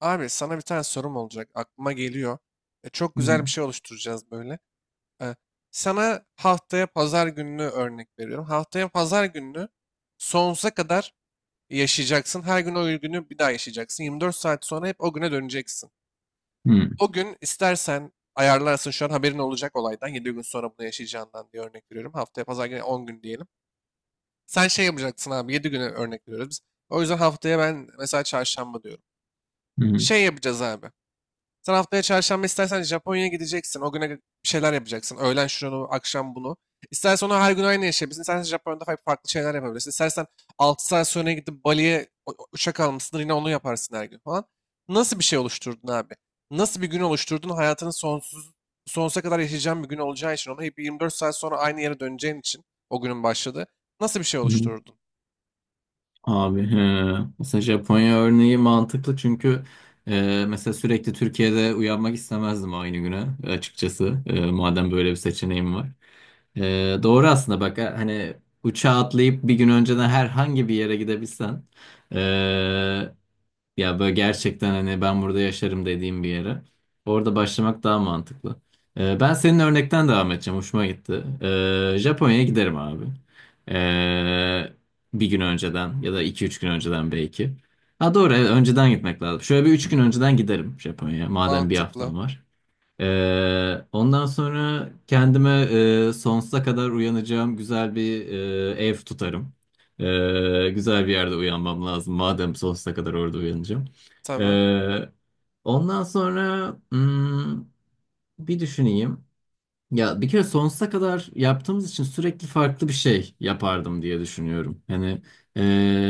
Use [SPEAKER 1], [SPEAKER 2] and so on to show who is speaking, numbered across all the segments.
[SPEAKER 1] Abi sana bir tane sorum olacak. Aklıma geliyor. Çok
[SPEAKER 2] Hı hı.
[SPEAKER 1] güzel bir şey oluşturacağız böyle. E, sana haftaya pazar gününü örnek veriyorum. Haftaya pazar gününü sonsuza kadar yaşayacaksın. Her gün o günü bir daha yaşayacaksın. 24 saat sonra hep o güne döneceksin. O gün istersen ayarlarsın şu an haberin olacak olaydan. Yedi gün sonra bunu yaşayacağından diye örnek veriyorum. Haftaya pazar günü 10 gün diyelim. Sen şey yapacaksın abi, 7 güne örnek veriyoruz biz. O yüzden haftaya ben mesela çarşamba diyorum.
[SPEAKER 2] Hı hı.
[SPEAKER 1] Şey yapacağız abi. Sen haftaya çarşamba istersen Japonya'ya gideceksin. O güne bir şeyler yapacaksın. Öğlen şunu, akşam bunu. İstersen onu her gün aynı yaşayabilirsin. İstersen Japonya'da farklı şeyler yapabilirsin. İstersen 6 saat sonra gidip Bali'ye uçak almışsın. Yine onu yaparsın her gün falan. Nasıl bir şey oluşturdun abi? Nasıl bir gün oluşturdun? Hayatının sonsuza kadar yaşayacağın bir gün olacağı için. Ona hep 24 saat sonra aynı yere döneceğin için o günün başladı. Nasıl bir şey
[SPEAKER 2] Hı.
[SPEAKER 1] oluşturdun?
[SPEAKER 2] Abi he. Mesela Japonya örneği mantıklı çünkü mesela sürekli Türkiye'de uyanmak istemezdim aynı güne açıkçası. Madem böyle bir seçeneğim var. E, doğru aslında bak, hani uçağa atlayıp bir gün önceden herhangi bir yere gidebilsen, e, ya böyle gerçekten, hani ben burada yaşarım dediğim bir yere. Orada başlamak daha mantıklı. Ben senin örnekten devam edeceğim. Hoşuma gitti. Japonya'ya giderim abi. Ee, Bir gün önceden ya da iki üç gün önceden belki. Ha doğru, evet, önceden gitmek lazım. Şöyle bir üç gün önceden giderim Japonya'ya, madem bir
[SPEAKER 1] Mantıklı.
[SPEAKER 2] haftam var. Ondan sonra kendime sonsuza kadar uyanacağım güzel bir ev tutarım. Güzel bir yerde uyanmam lazım. Madem sonsuza kadar orada uyanacağım.
[SPEAKER 1] Tamam.
[SPEAKER 2] Ee, Ondan sonra bir düşüneyim. Ya bir kere sonsuza kadar yaptığımız için sürekli farklı bir şey yapardım diye düşünüyorum. Hani, e,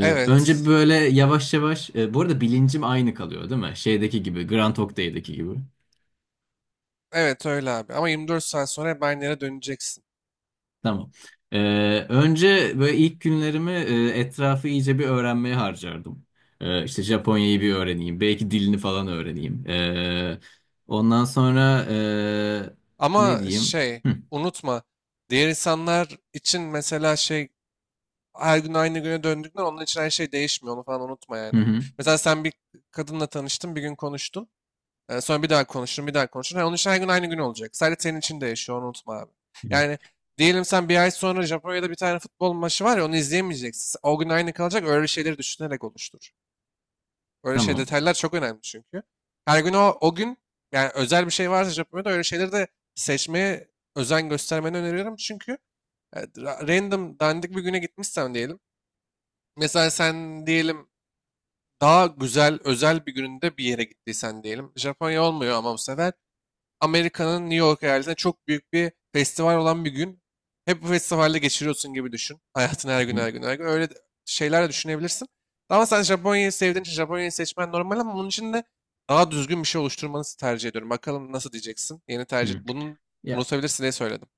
[SPEAKER 1] Evet.
[SPEAKER 2] önce böyle yavaş yavaş. Bu arada bilincim aynı kalıyor, değil mi? Şeydeki gibi, Grand Hotel'deki gibi.
[SPEAKER 1] Evet öyle abi. Ama 24 saat sonra hep aynı yere döneceksin.
[SPEAKER 2] Tamam. Önce böyle ilk günlerimi etrafı iyice bir öğrenmeye harcardım. İşte Japonya'yı bir öğreneyim. Belki dilini falan öğreneyim. Ondan sonra, ne
[SPEAKER 1] Ama
[SPEAKER 2] diyeyim?
[SPEAKER 1] şey,
[SPEAKER 2] Hı,
[SPEAKER 1] unutma, diğer insanlar için mesela şey, her gün aynı güne döndükler onun için her şey değişmiyor, onu falan unutma
[SPEAKER 2] hı,
[SPEAKER 1] yani.
[SPEAKER 2] hı,
[SPEAKER 1] Mesela sen bir kadınla tanıştın, bir gün konuştun, sonra bir daha konuştun, bir daha konuştun. Ha, onun için her gün aynı gün olacak, sadece senin için değişiyor, onu unutma abi.
[SPEAKER 2] hı.
[SPEAKER 1] Yani diyelim sen bir ay sonra Japonya'da bir tane futbol maçı var ya, onu izleyemeyeceksin, o gün aynı kalacak, öyle şeyleri düşünerek oluştur. Böyle şey
[SPEAKER 2] Tamam.
[SPEAKER 1] detaylar çok önemli çünkü. Her gün o gün, yani özel bir şey varsa Japonya'da öyle şeyleri de seçmeye özen göstermeni öneriyorum. Çünkü random dandik bir güne gitmişsen diyelim. Mesela sen diyelim daha güzel özel bir gününde bir yere gittiysen diyelim. Japonya olmuyor ama bu sefer Amerika'nın New York eyaletinde çok büyük bir festival olan bir gün. Hep bu festivalde geçiriyorsun gibi düşün. Hayatın her gün,
[SPEAKER 2] Hı,
[SPEAKER 1] her gün, her gün. Öyle şeyler de düşünebilirsin. Ama sen Japonya'yı sevdiğin için Japonya'yı seçmen normal, ama bunun için de daha düzgün bir şey oluşturmanızı tercih ediyorum. Bakalım nasıl diyeceksin. Yeni tercih.
[SPEAKER 2] hı.
[SPEAKER 1] Bunun
[SPEAKER 2] Ya
[SPEAKER 1] unutabilirsin diye söyledim.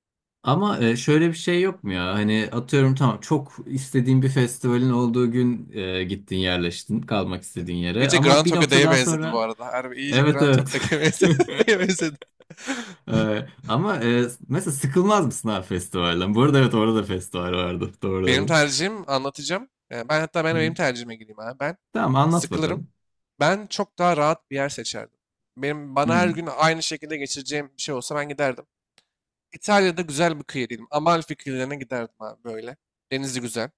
[SPEAKER 2] ama, şöyle bir şey yok mu ya? Hani atıyorum, tamam, çok istediğin bir festivalin olduğu gün gittin, yerleştin kalmak istediğin yere.
[SPEAKER 1] İyice Grand
[SPEAKER 2] Ama bir
[SPEAKER 1] Togo'ya
[SPEAKER 2] noktadan
[SPEAKER 1] benzedi bu
[SPEAKER 2] sonra
[SPEAKER 1] arada. Harbi iyice
[SPEAKER 2] evet,
[SPEAKER 1] Grand
[SPEAKER 2] evet.
[SPEAKER 1] Togo'ya benzedi. Neye benzedi?
[SPEAKER 2] Ama, mesela sıkılmaz mısın abi festivalden? Bu arada evet, orada da festival vardı. Doğru
[SPEAKER 1] Benim
[SPEAKER 2] dedim.
[SPEAKER 1] tercihim, anlatacağım. Ee, Ben hatta ben
[SPEAKER 2] Hı
[SPEAKER 1] benim
[SPEAKER 2] hı.
[SPEAKER 1] tercihime gireyim abi. Ben
[SPEAKER 2] Tamam, anlat
[SPEAKER 1] sıkılırım.
[SPEAKER 2] bakalım.
[SPEAKER 1] Ben çok daha rahat bir yer seçerdim. Benim
[SPEAKER 2] Hı
[SPEAKER 1] bana her
[SPEAKER 2] hı.
[SPEAKER 1] gün aynı şekilde geçireceğim bir şey olsa ben giderdim. İtalya'da güzel bir kıyı diyelim. Amalfi kıyılarına giderdim abi böyle. Denizi güzel.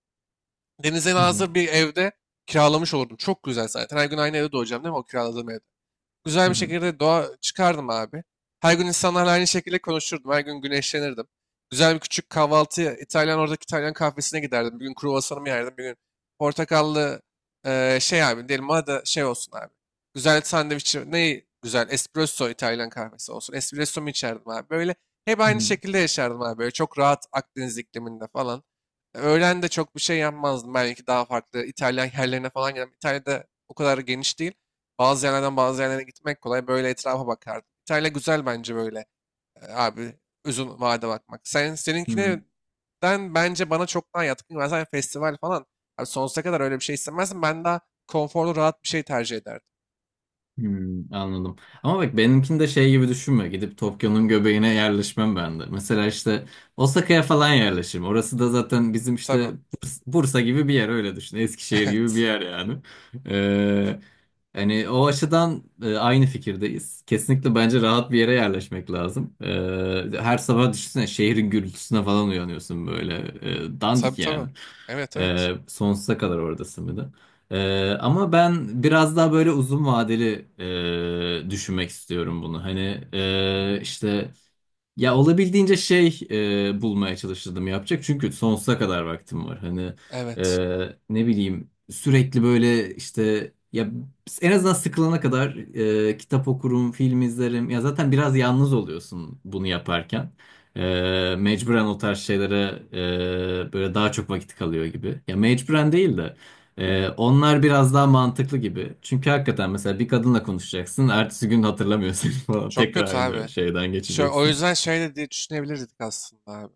[SPEAKER 1] Denize
[SPEAKER 2] Hı hı.
[SPEAKER 1] nazır bir evde kiralamış olurdum. Çok güzel zaten. Her gün aynı evde doğacağım değil mi, o kiraladığım evde? Güzel
[SPEAKER 2] Hı
[SPEAKER 1] bir
[SPEAKER 2] hı.
[SPEAKER 1] şekilde doğa çıkardım abi. Her gün insanlarla aynı şekilde konuşurdum. Her gün güneşlenirdim. Güzel bir küçük kahvaltı, İtalyan, oradaki İtalyan kahvesine giderdim. Bir gün kruvasanımı yerdim. Bir gün portakallı, şey abi, diyelim bana da şey olsun abi. Güzel sandviç, ne güzel espresso, İtalyan kahvesi olsun. Espresso mu içerdim abi? Böyle hep aynı şekilde yaşardım abi. Böyle çok rahat, Akdeniz ikliminde falan. Öğlen de çok bir şey yapmazdım. Belki daha farklı İtalyan yerlerine falan giderdim. İtalya'da o kadar geniş değil. Bazı yerlerden bazı yerlere gitmek kolay. Böyle etrafa bakardım. İtalya güzel bence böyle. Abi, uzun vade bakmak. Sen
[SPEAKER 2] Hı hı.
[SPEAKER 1] seninkine, ben, bence bana çok daha yatkın. Ben zaten festival falan. Abi sonsuza kadar öyle bir şey istemezdim. Ben daha konforlu, rahat bir şey tercih ederdim.
[SPEAKER 2] Hmm, anladım. Ama bak, benimkini de şey gibi düşünme. Gidip Tokyo'nun göbeğine yerleşmem ben de. Mesela işte Osaka'ya falan yerleşirim. Orası da zaten bizim işte
[SPEAKER 1] Tabii.
[SPEAKER 2] Bursa gibi bir yer, öyle düşün. Eskişehir gibi bir
[SPEAKER 1] Evet.
[SPEAKER 2] yer yani. Ee, Hani o açıdan, aynı fikirdeyiz. Kesinlikle bence rahat bir yere yerleşmek lazım. Her sabah düşünsene, şehrin gürültüsüne falan uyanıyorsun böyle.
[SPEAKER 1] Tabii
[SPEAKER 2] Dandik yani.
[SPEAKER 1] tabii. Evet evet.
[SPEAKER 2] Sonsuza kadar oradasın bir de. Ama ben biraz daha böyle uzun vadeli düşünmek istiyorum bunu. Hani, işte. Ya olabildiğince şey, bulmaya çalışırdım yapacak. Çünkü sonsuza kadar vaktim var. Hani,
[SPEAKER 1] Evet.
[SPEAKER 2] ne bileyim, sürekli böyle işte, ya en azından sıkılana kadar kitap okurum, film izlerim. Ya zaten biraz yalnız oluyorsun bunu yaparken. Mecburen o tarz şeylere böyle daha çok vakit kalıyor gibi. Ya mecburen değil de, onlar biraz daha mantıklı gibi. Çünkü hakikaten mesela bir kadınla konuşacaksın. Ertesi gün hatırlamıyorsun falan.
[SPEAKER 1] Çok
[SPEAKER 2] Tekrar
[SPEAKER 1] kötü
[SPEAKER 2] aynı
[SPEAKER 1] abi.
[SPEAKER 2] şeyden
[SPEAKER 1] O
[SPEAKER 2] geçeceksin.
[SPEAKER 1] yüzden şey de diye düşünebilirdik aslında abi.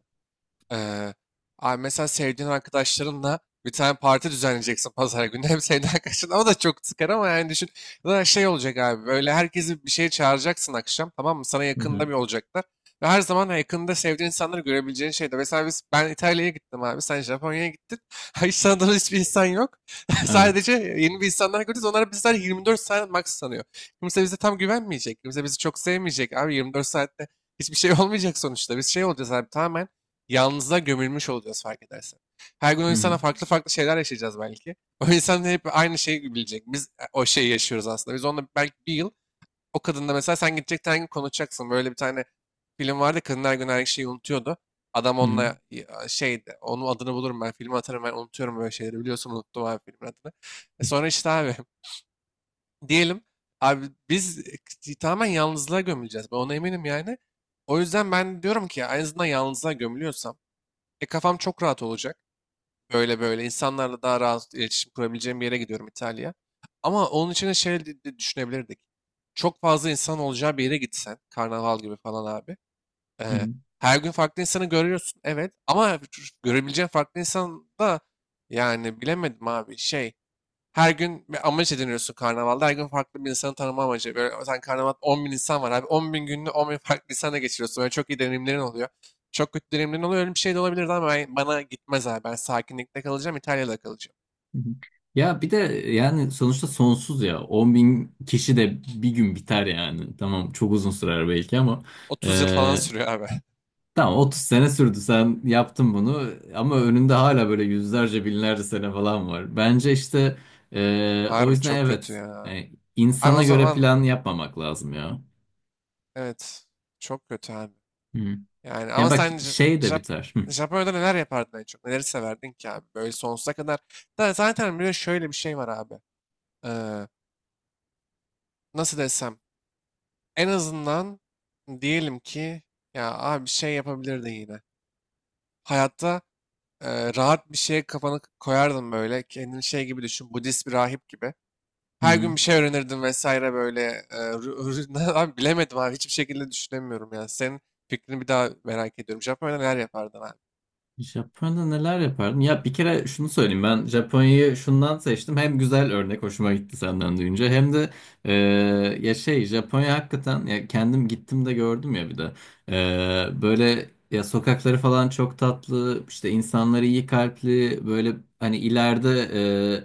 [SPEAKER 1] Ee, abi mesela sevdiğin arkadaşlarınla bir tane parti düzenleyeceksin pazar günü. Hem sevdiğin arkadaşın, o da çok sıkar ama, yani düşün. Ya da şey olacak abi, böyle herkesi bir şeye çağıracaksın akşam, tamam mı? Sana
[SPEAKER 2] Hı hı.
[SPEAKER 1] yakında bir olacaklar. Ve her zaman yakında sevdiğin insanları görebileceğin şeyde. Mesela ben İtalya'ya gittim abi. Sen Japonya'ya gittin. Hiç tanıdığın hiçbir insan yok. Sadece
[SPEAKER 2] Evet.
[SPEAKER 1] yeni bir insanlar görüyoruz. Onlar bizler 24 saat max sanıyor. Kimse bize tam güvenmeyecek. Kimse bizi çok sevmeyecek. Abi 24 saatte hiçbir şey olmayacak sonuçta. Biz şey olacağız abi, tamamen yalnızlığa gömülmüş olacağız fark edersen. Her gün o
[SPEAKER 2] Hı
[SPEAKER 1] insana
[SPEAKER 2] hı.
[SPEAKER 1] farklı farklı şeyler yaşayacağız belki. O insan hep aynı şeyi bilecek. Biz, o şeyi yaşıyoruz aslında. Biz onunla belki bir yıl, o kadında mesela sen gidecek her gün konuşacaksın. Böyle bir tane film vardı. Kadın her gün her şeyi unutuyordu. Adam
[SPEAKER 2] Hı
[SPEAKER 1] onunla,
[SPEAKER 2] hı.
[SPEAKER 1] ya, şeydi. Onun adını bulurum ben. Filmi atarım ben. Unutuyorum böyle şeyleri. Biliyorsun, unuttum abi filmin adını. Sonra işte abi, diyelim abi, biz, tamamen yalnızlığa gömüleceğiz. Ben ona eminim yani. O yüzden ben diyorum ki en azından yalnızlığa gömülüyorsam, kafam çok rahat olacak. Böyle böyle insanlarla daha rahat iletişim kurabileceğim bir yere gidiyorum, İtalya. Ama onun için de şey de düşünebilirdik. Çok fazla insan olacağı bir yere gitsen, karnaval gibi falan abi.
[SPEAKER 2] Hı
[SPEAKER 1] Ee,
[SPEAKER 2] hı.
[SPEAKER 1] her gün farklı insanı görüyorsun, evet. Ama görebileceğin farklı insan da, yani bilemedim abi şey. Her gün bir amaç ediniyorsun karnavalda. Her gün farklı bir insanı tanıma amacı. Böyle sen karnavalda 10 bin insan var abi. 10 bin gününü 10 bin farklı insanla geçiriyorsun. Böyle çok iyi deneyimlerin oluyor. Çok kötü deneyimlerin oluyor. Öyle bir şey de olabilirdi ama bana gitmez abi. Ben sakinlikte kalacağım, İtalya'da kalacağım.
[SPEAKER 2] Hı hı. Ya bir de yani sonuçta sonsuz ya. 10 bin kişi de bir gün biter yani. Tamam, çok uzun sürer belki ama,
[SPEAKER 1] 30 yıl falan
[SPEAKER 2] e,
[SPEAKER 1] sürüyor abi.
[SPEAKER 2] tamam 30 sene sürdü, sen yaptın bunu ama önünde hala böyle yüzlerce binlerce sene falan var. Bence işte o
[SPEAKER 1] Harbi
[SPEAKER 2] yüzden
[SPEAKER 1] çok kötü
[SPEAKER 2] evet,
[SPEAKER 1] ya.
[SPEAKER 2] e,
[SPEAKER 1] Abi o
[SPEAKER 2] insana göre
[SPEAKER 1] zaman,
[SPEAKER 2] plan yapmamak lazım ya.
[SPEAKER 1] evet, çok kötü abi.
[SPEAKER 2] Hı.
[SPEAKER 1] Yani
[SPEAKER 2] Ya
[SPEAKER 1] ama
[SPEAKER 2] bak,
[SPEAKER 1] sen
[SPEAKER 2] şey de biter. Hı.
[SPEAKER 1] Japonya'da neler yapardın en çok? Neleri severdin ki abi? Böyle sonsuza kadar. Da zaten bir de şöyle bir şey var abi. Ee, nasıl desem? En azından diyelim ki, ya abi, bir şey yapabilirdin yine. Hayatta, rahat bir şeye kafanı koyardın böyle. Kendini şey gibi düşün. Budist bir rahip gibi.
[SPEAKER 2] Hı
[SPEAKER 1] Her
[SPEAKER 2] hı.
[SPEAKER 1] gün bir şey öğrenirdin vesaire böyle. Abi bilemedim abi. Hiçbir şekilde düşünemiyorum ya. Senin fikrini bir daha merak ediyorum. Japonya'da neler yapardın abi?
[SPEAKER 2] Japonya'da neler yapardım? Ya bir kere şunu söyleyeyim, ben Japonya'yı şundan seçtim. Hem güzel örnek hoşuma gitti senden duyunca, hem de e, ya şey, Japonya hakikaten, ya kendim gittim de gördüm, ya bir de böyle ya, sokakları falan çok tatlı, işte insanları iyi kalpli, böyle hani ileride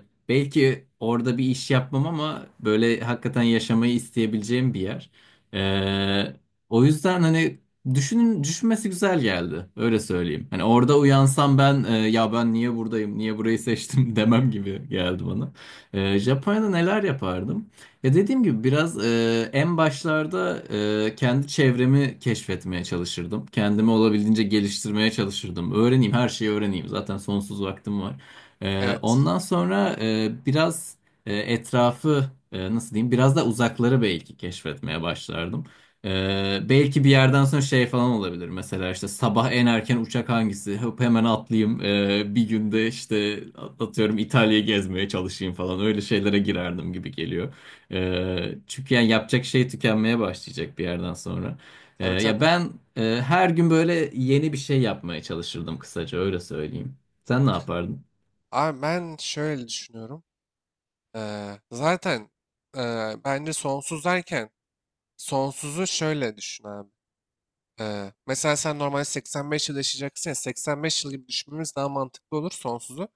[SPEAKER 2] belki orada bir iş yapmam, ama böyle hakikaten yaşamayı isteyebileceğim bir yer. E, O yüzden hani, düşünün, düşünmesi güzel geldi. Öyle söyleyeyim. Hani orada uyansam ben, ya ben niye buradayım, niye burayı seçtim demem gibi geldi bana. Japonya'da neler yapardım? Ya dediğim gibi biraz, en başlarda kendi çevremi keşfetmeye çalışırdım. Kendimi olabildiğince geliştirmeye çalışırdım. Öğreneyim, her şeyi öğreneyim. Zaten sonsuz vaktim var.
[SPEAKER 1] Evet.
[SPEAKER 2] Ondan sonra, biraz etrafı, nasıl diyeyim, biraz da uzakları belki keşfetmeye başlardım. Belki bir yerden sonra şey falan olabilir. Mesela işte sabah en erken uçak hangisi? Hop, hemen atlayayım. Bir günde işte atıyorum İtalya'yı gezmeye çalışayım falan. Öyle şeylere girerdim gibi geliyor. Çünkü yani yapacak şey tükenmeye başlayacak bir yerden sonra.
[SPEAKER 1] Tabii
[SPEAKER 2] Ya
[SPEAKER 1] tabii.
[SPEAKER 2] ben, her gün böyle yeni bir şey yapmaya çalışırdım, kısaca öyle söyleyeyim. Sen ne yapardın?
[SPEAKER 1] Abi ben şöyle düşünüyorum. Zaten bence sonsuz derken, sonsuzu şöyle düşün abi. Mesela sen normalde 85 yıl yaşayacaksın ya, 85 yıl gibi düşünmemiz daha mantıklı olur sonsuzu.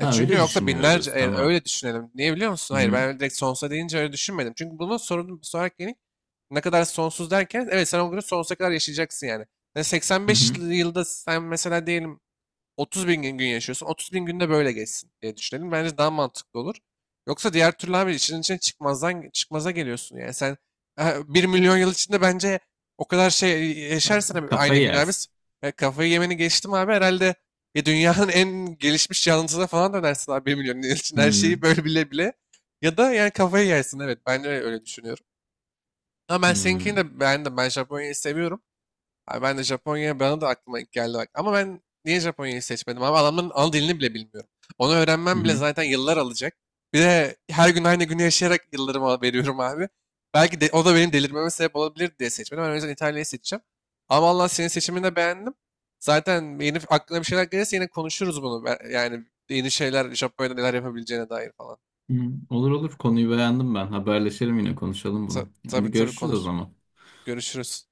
[SPEAKER 1] E,
[SPEAKER 2] Ha,
[SPEAKER 1] çünkü
[SPEAKER 2] öyle
[SPEAKER 1] yoksa binlerce,
[SPEAKER 2] düşünüyoruz. Tamam.
[SPEAKER 1] öyle düşünelim. Niye biliyor musun?
[SPEAKER 2] Hı
[SPEAKER 1] Hayır,
[SPEAKER 2] hı.
[SPEAKER 1] ben öyle direkt sonsuza deyince öyle düşünmedim. Çünkü bunun, sorunun bir sonraki yeni, ne kadar sonsuz derken, evet, sen o günü sonsuza kadar yaşayacaksın yani. Yani
[SPEAKER 2] Hı
[SPEAKER 1] 85
[SPEAKER 2] hı.
[SPEAKER 1] yılda sen mesela diyelim 30 bin gün yaşıyorsun. 30 bin günde böyle geçsin diye düşünelim. Bence daha mantıklı olur. Yoksa diğer türlü abi işin içine çıkmazdan çıkmaza geliyorsun yani. Sen, e, 1.000.000 yıl içinde bence o kadar şey yaşarsan abi, aynı
[SPEAKER 2] Kafayı
[SPEAKER 1] gün abi,
[SPEAKER 2] yersin.
[SPEAKER 1] kafayı yemeni geçtim abi, herhalde ya dünyanın en gelişmiş canlısına falan dönersin abi, 1.000.000 yıl için her
[SPEAKER 2] Hı
[SPEAKER 1] şeyi böyle bile bile. Ya da yani kafayı yersin, evet ben de öyle düşünüyorum. Ama ben seninkini
[SPEAKER 2] hı.
[SPEAKER 1] de beğendim. Ben Japonya'yı seviyorum. Abi ben de Japonya, bana da aklıma ilk geldi bak. Ama ben niye Japonya'yı seçmedim abi? Adamın ana dilini bile bilmiyorum. Onu
[SPEAKER 2] Hı
[SPEAKER 1] öğrenmem bile
[SPEAKER 2] hı.
[SPEAKER 1] zaten yıllar alacak. Bir de her gün aynı günü yaşayarak yıllarımı veriyorum abi. Belki de o da benim delirmeme sebep olabilir diye seçmedim. Ben o yüzden İtalya'yı seçeceğim. Ama Allah, senin seçimini de beğendim. Zaten yeni aklına bir şeyler gelirse yine konuşuruz bunu. Yani yeni şeyler, Japonya'da neler yapabileceğine dair falan.
[SPEAKER 2] Hı. Olur, olur, konuyu beğendim ben. Haberleşelim, yine konuşalım
[SPEAKER 1] Ta-
[SPEAKER 2] bunu.
[SPEAKER 1] tabii
[SPEAKER 2] Hadi
[SPEAKER 1] tabii,
[SPEAKER 2] görüşürüz o
[SPEAKER 1] konuş.
[SPEAKER 2] zaman.
[SPEAKER 1] Görüşürüz.